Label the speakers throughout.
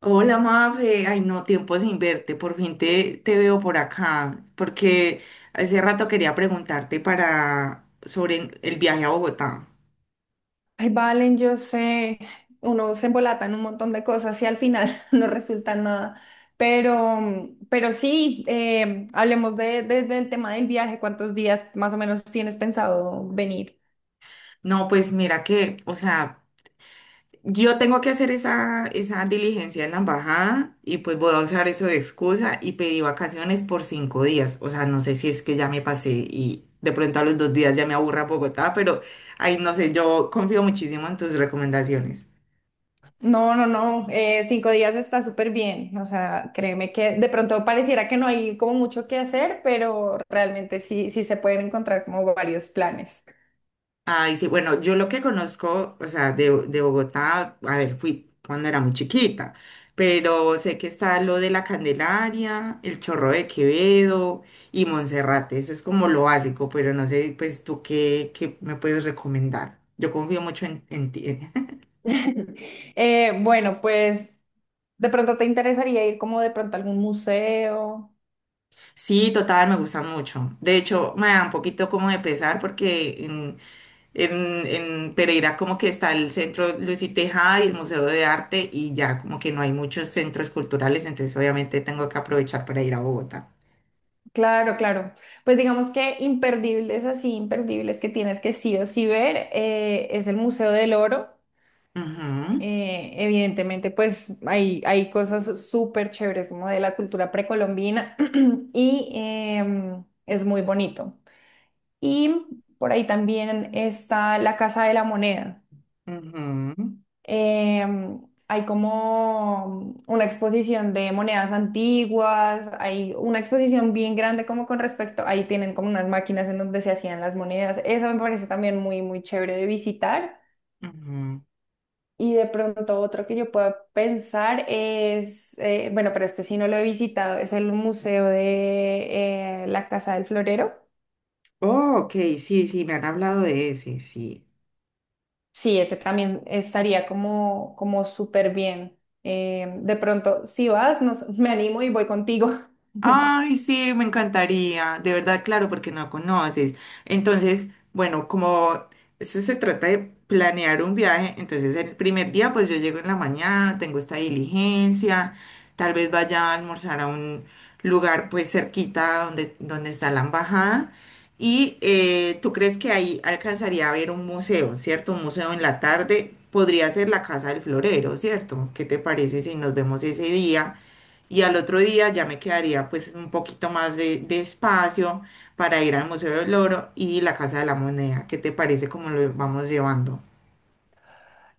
Speaker 1: Hola, Mafe. Ay, no, tiempo sin verte. Por fin te veo por acá, porque hace rato quería preguntarte para sobre el viaje a Bogotá.
Speaker 2: Ay, Valen, yo sé, uno se embolata en un montón de cosas y al final no resulta nada. Pero sí, hablemos del tema del viaje. ¿Cuántos días más o menos tienes pensado venir?
Speaker 1: No, pues mira que, o sea, yo tengo que hacer esa diligencia en la embajada y pues voy a usar eso de excusa y pedí vacaciones por 5 días. O sea, no sé si es que ya me pasé y de pronto a los 2 días ya me aburra Bogotá, pero ay, no sé, yo confío muchísimo en tus recomendaciones.
Speaker 2: No, no, no, 5 días está súper bien. O sea, créeme que de pronto pareciera que no hay como mucho que hacer, pero realmente sí se pueden encontrar como varios planes.
Speaker 1: Ay, sí, bueno, yo lo que conozco, o sea, de Bogotá, a ver, fui cuando era muy chiquita, pero sé que está lo de la Candelaria, el Chorro de Quevedo y Monserrate, eso es como lo básico, pero no sé, pues tú qué me puedes recomendar. Yo confío mucho en ti.
Speaker 2: Bueno, pues de pronto te interesaría ir como de pronto a algún museo.
Speaker 1: Sí, total, me gusta mucho. De hecho, me da un poquito como de pesar porque en Pereira como que está el Centro Luis y Tejada y el Museo de Arte y ya como que no hay muchos centros culturales, entonces obviamente tengo que aprovechar para ir a Bogotá.
Speaker 2: Claro, claro. Pues digamos que imperdibles, así imperdibles que tienes que sí o sí ver, es el Museo del Oro.
Speaker 1: Ujú,
Speaker 2: Evidentemente, pues hay cosas súper chéveres como de la cultura precolombina y es muy bonito. Y por ahí también está la Casa de la Moneda.
Speaker 1: ujú,
Speaker 2: Em, Hay como una exposición de monedas antiguas, hay una exposición bien grande como con respecto, ahí tienen como unas máquinas en donde se hacían las monedas. Eso me parece también muy, muy chévere de visitar.
Speaker 1: ujú.
Speaker 2: Y de pronto otro que yo pueda pensar es, bueno, pero este sí no lo he visitado, es el Museo de la Casa del Florero.
Speaker 1: Oh, ok, sí, sí, me han hablado de ese, sí.
Speaker 2: Sí, ese también estaría como súper bien. De pronto, si vas, me animo y voy contigo.
Speaker 1: Ay, sí, me encantaría, de verdad, claro, porque no conoces. Entonces, bueno, como eso se trata de planear un viaje, entonces el primer día, pues yo llego en la mañana, tengo esta diligencia, tal vez vaya a almorzar a un lugar pues cerquita donde, donde está la embajada. Y tú crees que ahí alcanzaría a ver un museo, ¿cierto? Un museo en la tarde podría ser la Casa del Florero, ¿cierto? ¿Qué te parece si nos vemos ese día? Y al otro día ya me quedaría pues un poquito más de espacio para ir al Museo del Oro y la Casa de la Moneda. ¿Qué te parece cómo lo vamos llevando?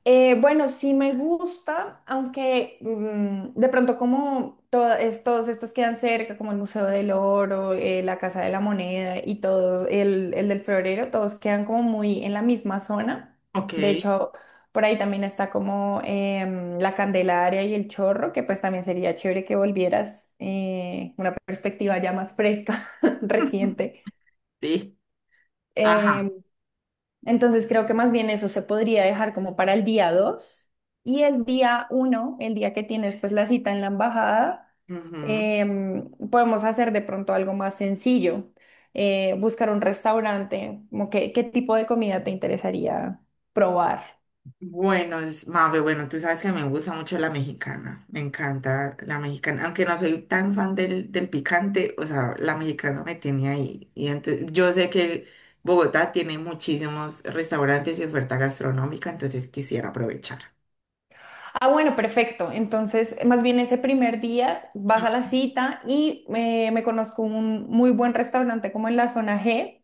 Speaker 2: Bueno, sí me gusta, aunque de pronto como todos estos quedan cerca, como el Museo del Oro, la Casa de la Moneda y todo, el del Florero, todos quedan como muy en la misma zona.
Speaker 1: Ok.
Speaker 2: De hecho, por ahí también está como la Candelaria y el Chorro, que pues también sería chévere que volvieras una perspectiva ya más fresca, reciente.
Speaker 1: Sí. Ajá.
Speaker 2: Em, entonces creo que más bien eso se podría dejar como para el día 2 y el día 1, el día que tienes pues la cita en la embajada,
Speaker 1: Ujú.
Speaker 2: podemos hacer de pronto algo más sencillo, buscar un restaurante, como qué tipo de comida te interesaría probar.
Speaker 1: Bueno, es, Mafe, bueno, tú sabes que me gusta mucho la mexicana. Me encanta la mexicana. Aunque no soy tan fan del picante, o sea, la mexicana me tiene ahí. Y entonces yo sé que Bogotá tiene muchísimos restaurantes y oferta gastronómica, entonces quisiera aprovechar.
Speaker 2: Ah, bueno, perfecto. Entonces, más bien ese primer día vas a la cita y me conozco un muy buen restaurante como en la zona G.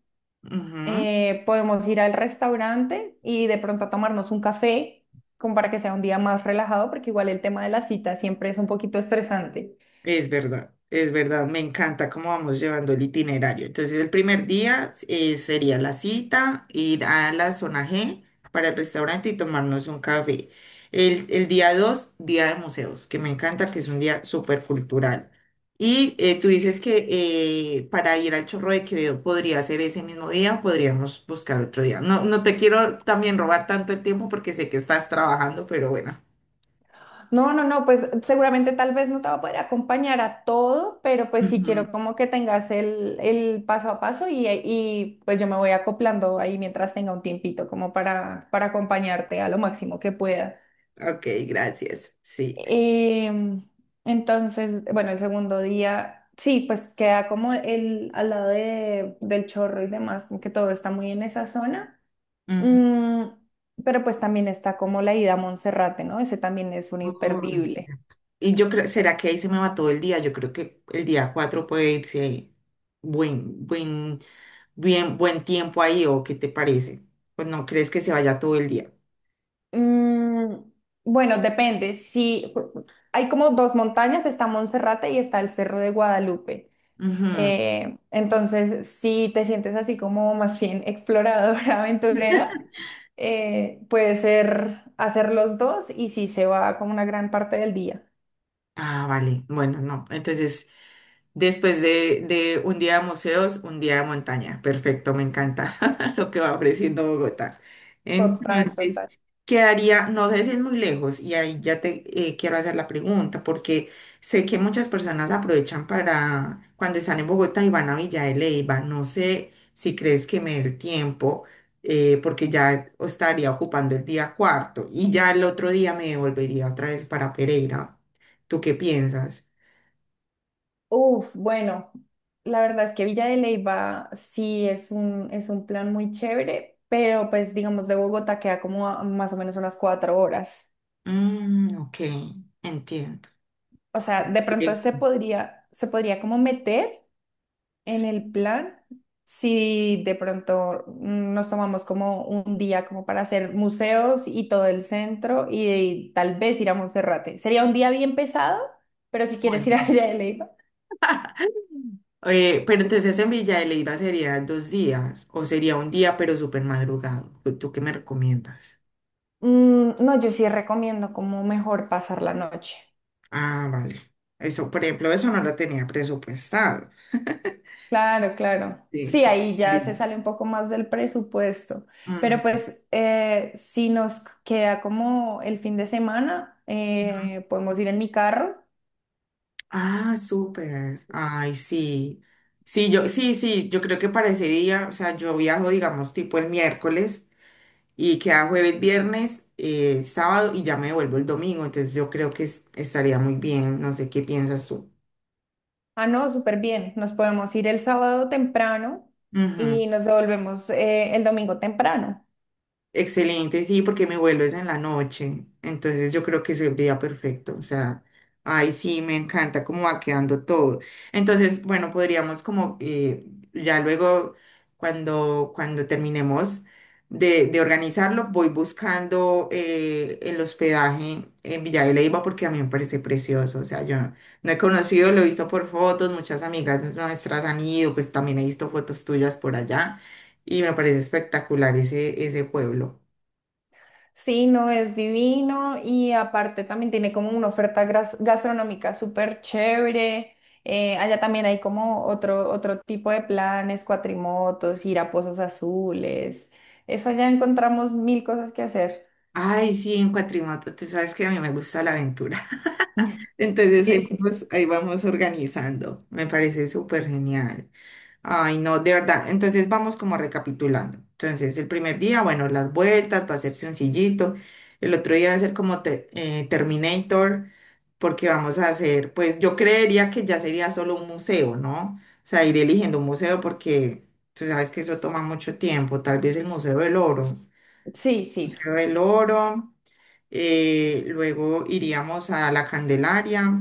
Speaker 1: Ujú.
Speaker 2: Podemos ir al restaurante y de pronto a tomarnos un café, como para que sea un día más relajado, porque igual el tema de la cita siempre es un poquito estresante.
Speaker 1: Es verdad, me encanta cómo vamos llevando el itinerario. Entonces, el primer día sería la cita, ir a la zona G para el restaurante y tomarnos un café. El día 2 día de museos, que me encanta, que es un día súper cultural. Y tú dices que para ir al Chorro de Quevedo podría ser ese mismo día o podríamos buscar otro día. No, no te quiero también robar tanto el tiempo porque sé que estás trabajando, pero bueno.
Speaker 2: No, no, no, pues seguramente tal vez no te va a poder acompañar a todo, pero pues sí
Speaker 1: Ujú.
Speaker 2: quiero como que tengas el paso a paso y pues yo me voy acoplando ahí mientras tenga un tiempito, como para acompañarte a lo máximo que pueda.
Speaker 1: Ok, gracias. Sí.
Speaker 2: Em, entonces, bueno, el segundo día, sí, pues queda como al lado del chorro y demás, que todo está muy en esa zona.
Speaker 1: Ujú.
Speaker 2: Mm, pero pues también está como la ida a Monserrate, ¿no? Ese también es un
Speaker 1: Oh, no es
Speaker 2: imperdible.
Speaker 1: cierto. Y yo creo, ¿será que ahí se me va todo el día? Yo creo que el día 4 puede irse ahí. buen, buen, buen tiempo ahí, ¿o qué te parece? Pues no crees que se vaya todo el día.
Speaker 2: Mm, bueno, depende. Sí, hay como dos montañas, está Monserrate y está el Cerro de Guadalupe.
Speaker 1: Ujú.
Speaker 2: Entonces, si te sientes así como más bien exploradora, aventurera, puede ser hacer los dos y sí se va como una gran parte del día.
Speaker 1: Ah, vale. Bueno, no. Entonces, después de un día de museos, un día de montaña. Perfecto, me encanta lo que va ofreciendo Bogotá.
Speaker 2: Total,
Speaker 1: Entonces,
Speaker 2: total.
Speaker 1: quedaría, no sé si es muy lejos, y ahí ya te quiero hacer la pregunta, porque sé que muchas personas aprovechan para cuando están en Bogotá y van a Villa de Leyva. No sé si crees que me dé el tiempo, porque ya estaría ocupando el día cuarto y ya el otro día me devolvería otra vez para Pereira. ¿Tú qué piensas?
Speaker 2: Uf, bueno, la verdad es que Villa de Leyva sí es un plan muy chévere, pero pues digamos de Bogotá queda como a más o menos unas 4 horas.
Speaker 1: Mm, ok, entiendo.
Speaker 2: O sea, de pronto
Speaker 1: Eh,
Speaker 2: se podría como meter. En
Speaker 1: sí.
Speaker 2: el plan, si de pronto nos tomamos como un día como para hacer museos y todo el centro y, tal vez ir a Monserrate. Sería un día bien pesado, pero si
Speaker 1: Bueno.
Speaker 2: quieres ir a Villa de Leyva.
Speaker 1: Mm. Pero entonces en Villa de Leyva sería 2 días o sería un día pero súper madrugado. ¿Tú qué me recomiendas?
Speaker 2: No, yo sí recomiendo como mejor pasar la noche.
Speaker 1: Ah, vale. Eso, por ejemplo, eso no lo tenía presupuestado.
Speaker 2: Claro, claro.
Speaker 1: Sí,
Speaker 2: Sí,
Speaker 1: sí.
Speaker 2: ahí ya se
Speaker 1: Sí.
Speaker 2: sale un poco más del presupuesto.
Speaker 1: Ujú.
Speaker 2: Pero pues si nos queda como el fin de semana, podemos ir en mi carro.
Speaker 1: Ah, súper. Ay, sí. Sí, yo, sí, sí, yo creo que para ese día, o sea, yo viajo, digamos, tipo el miércoles. Y queda jueves, viernes, sábado y ya me devuelvo el domingo. Entonces yo creo que estaría muy bien. No sé qué piensas tú.
Speaker 2: Ah, no, súper bien. Nos podemos ir el sábado temprano
Speaker 1: Ujú.
Speaker 2: y nos devolvemos el domingo temprano.
Speaker 1: Excelente, sí, porque mi vuelo es en la noche, entonces yo creo que sería perfecto, o sea, ay, sí, me encanta cómo va quedando todo. Entonces, bueno, podríamos como ya luego, cuando terminemos de organizarlo, voy buscando el hospedaje en Villa de Leyva porque a mí me parece precioso, o sea, yo no he conocido, lo he visto por fotos, muchas amigas nuestras han ido, pues también he visto fotos tuyas por allá y me parece espectacular ese pueblo.
Speaker 2: Sí, no es divino y aparte también tiene como una oferta gastronómica súper chévere. Allá también hay como otro tipo de planes, cuatrimotos, ir a pozos azules. Eso allá encontramos mil cosas que hacer.
Speaker 1: Ay, sí, en cuatrimoto, tú sabes que a mí me gusta la aventura. Entonces
Speaker 2: Sí, sí, sí.
Speaker 1: ahí vamos organizando. Me parece súper genial. Ay, no, de verdad. Entonces vamos como recapitulando. Entonces el primer día, bueno, las vueltas, va a ser sencillito. El otro día va a ser como Terminator, porque vamos a hacer, pues yo creería que ya sería solo un museo, ¿no? O sea, ir eligiendo un museo porque tú sabes que eso toma mucho tiempo. Tal vez el Museo del Oro.
Speaker 2: Sí, sí.
Speaker 1: Museo del Oro luego iríamos a la Candelaria,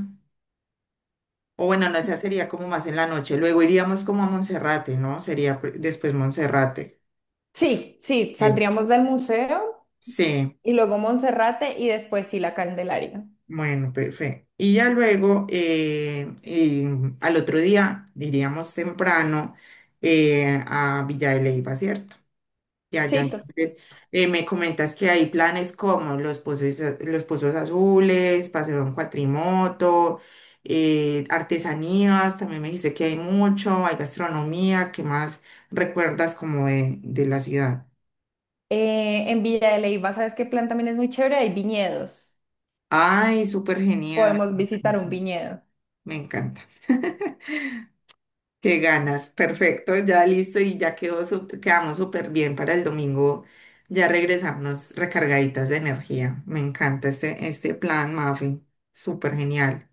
Speaker 1: o bueno, no sé, sería como más en la noche, luego iríamos como a Monserrate, ¿no? Sería después Monserrate.
Speaker 2: Sí, sí,
Speaker 1: Bien.
Speaker 2: saldríamos del museo
Speaker 1: Sí,
Speaker 2: y luego Monserrate y después sí la Candelaria.
Speaker 1: bueno, perfecto. Y ya luego, al otro día, iríamos temprano a Villa de Leyva, ¿cierto? Ya, ya,
Speaker 2: Sí,
Speaker 1: entonces me comentas que hay planes como los pozos, los pozos azules, paseo en cuatrimoto, artesanías, también me dijiste que hay mucho, hay gastronomía, ¿qué más recuerdas como de la ciudad?
Speaker 2: en Villa de Leyva, ¿sabes qué plan también es muy chévere? Hay viñedos.
Speaker 1: Ay, súper genial,
Speaker 2: Podemos
Speaker 1: me
Speaker 2: visitar un
Speaker 1: encanta.
Speaker 2: viñedo.
Speaker 1: Me encanta. Qué ganas, perfecto, ya listo y ya quedó, quedamos súper bien para el domingo, ya regresamos recargaditas de energía. Me encanta este plan, Mafi, súper genial.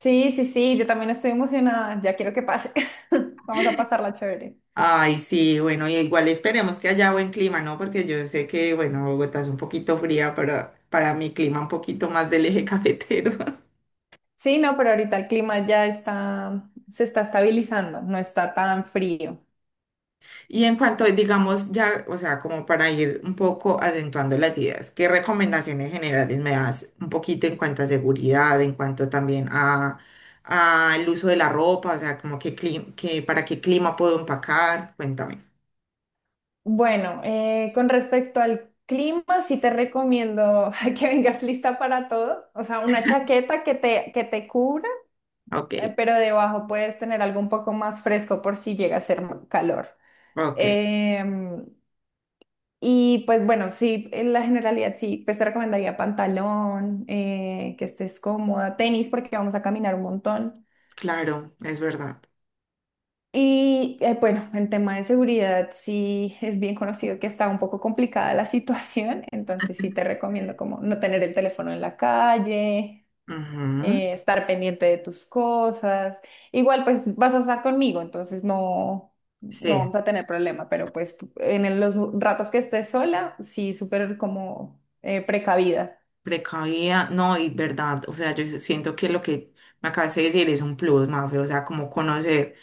Speaker 2: Sí, sí, sí, yo también estoy emocionada, ya quiero que pase. Vamos a pasarla chévere.
Speaker 1: Ay, sí, bueno, y igual esperemos que haya buen clima, ¿no? Porque yo sé que, bueno, Bogotá es un poquito fría, pero para mi clima un poquito más del eje cafetero.
Speaker 2: Sí, no, pero ahorita el clima ya está, se está estabilizando, no está tan frío.
Speaker 1: Y en cuanto, digamos, ya, o sea, como para ir un poco acentuando las ideas, ¿qué recomendaciones generales me das un poquito en cuanto a seguridad, en cuanto también a el uso de la ropa, o sea, como que para qué clima puedo empacar? Cuéntame.
Speaker 2: Bueno, con respecto al clima, sí te recomiendo que vengas lista para todo. O sea, una chaqueta que te cubra,
Speaker 1: Ok,
Speaker 2: pero debajo puedes tener algo un poco más fresco por si llega a ser calor.
Speaker 1: ok,
Speaker 2: Em, y pues bueno, sí, en la generalidad sí, pues te recomendaría pantalón, que estés cómoda, tenis porque vamos a caminar un montón.
Speaker 1: claro, es verdad.
Speaker 2: Y bueno, en tema de seguridad sí es bien conocido que está un poco complicada la situación, entonces sí te recomiendo como no tener el teléfono en la calle,
Speaker 1: Ujú.
Speaker 2: estar pendiente de tus cosas. Igual pues vas a estar conmigo, entonces no, no
Speaker 1: Sí,
Speaker 2: vamos a tener problema, pero pues en los ratos que estés sola, sí súper como precavida.
Speaker 1: precavida, no, y verdad, o sea, yo siento que lo que me acabas de decir es un plus, Mafe, o sea, como conocer.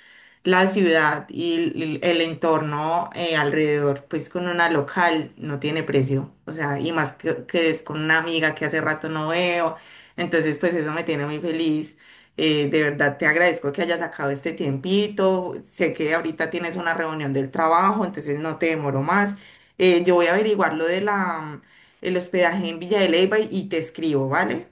Speaker 1: La ciudad y el entorno alrededor, pues con una local no tiene precio, o sea, y más que es con una amiga que hace rato no veo, entonces pues eso me tiene muy feliz. De verdad te agradezco que hayas sacado este tiempito, sé que ahorita tienes una reunión del trabajo, entonces no te demoro más. Yo voy a averiguar lo de el hospedaje en Villa de Leyva y te escribo, ¿vale?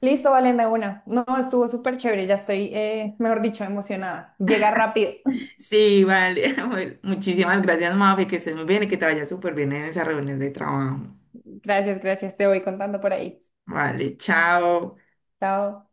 Speaker 2: Listo, Valenda, una. No, estuvo súper chévere, ya estoy, mejor dicho, emocionada. Llega rápido.
Speaker 1: Sí, vale. Bueno, muchísimas gracias, Mafe, que estés muy bien y que te vaya súper bien en esa reunión de trabajo.
Speaker 2: Gracias, gracias, te voy contando por ahí.
Speaker 1: Vale, chao.
Speaker 2: Chao.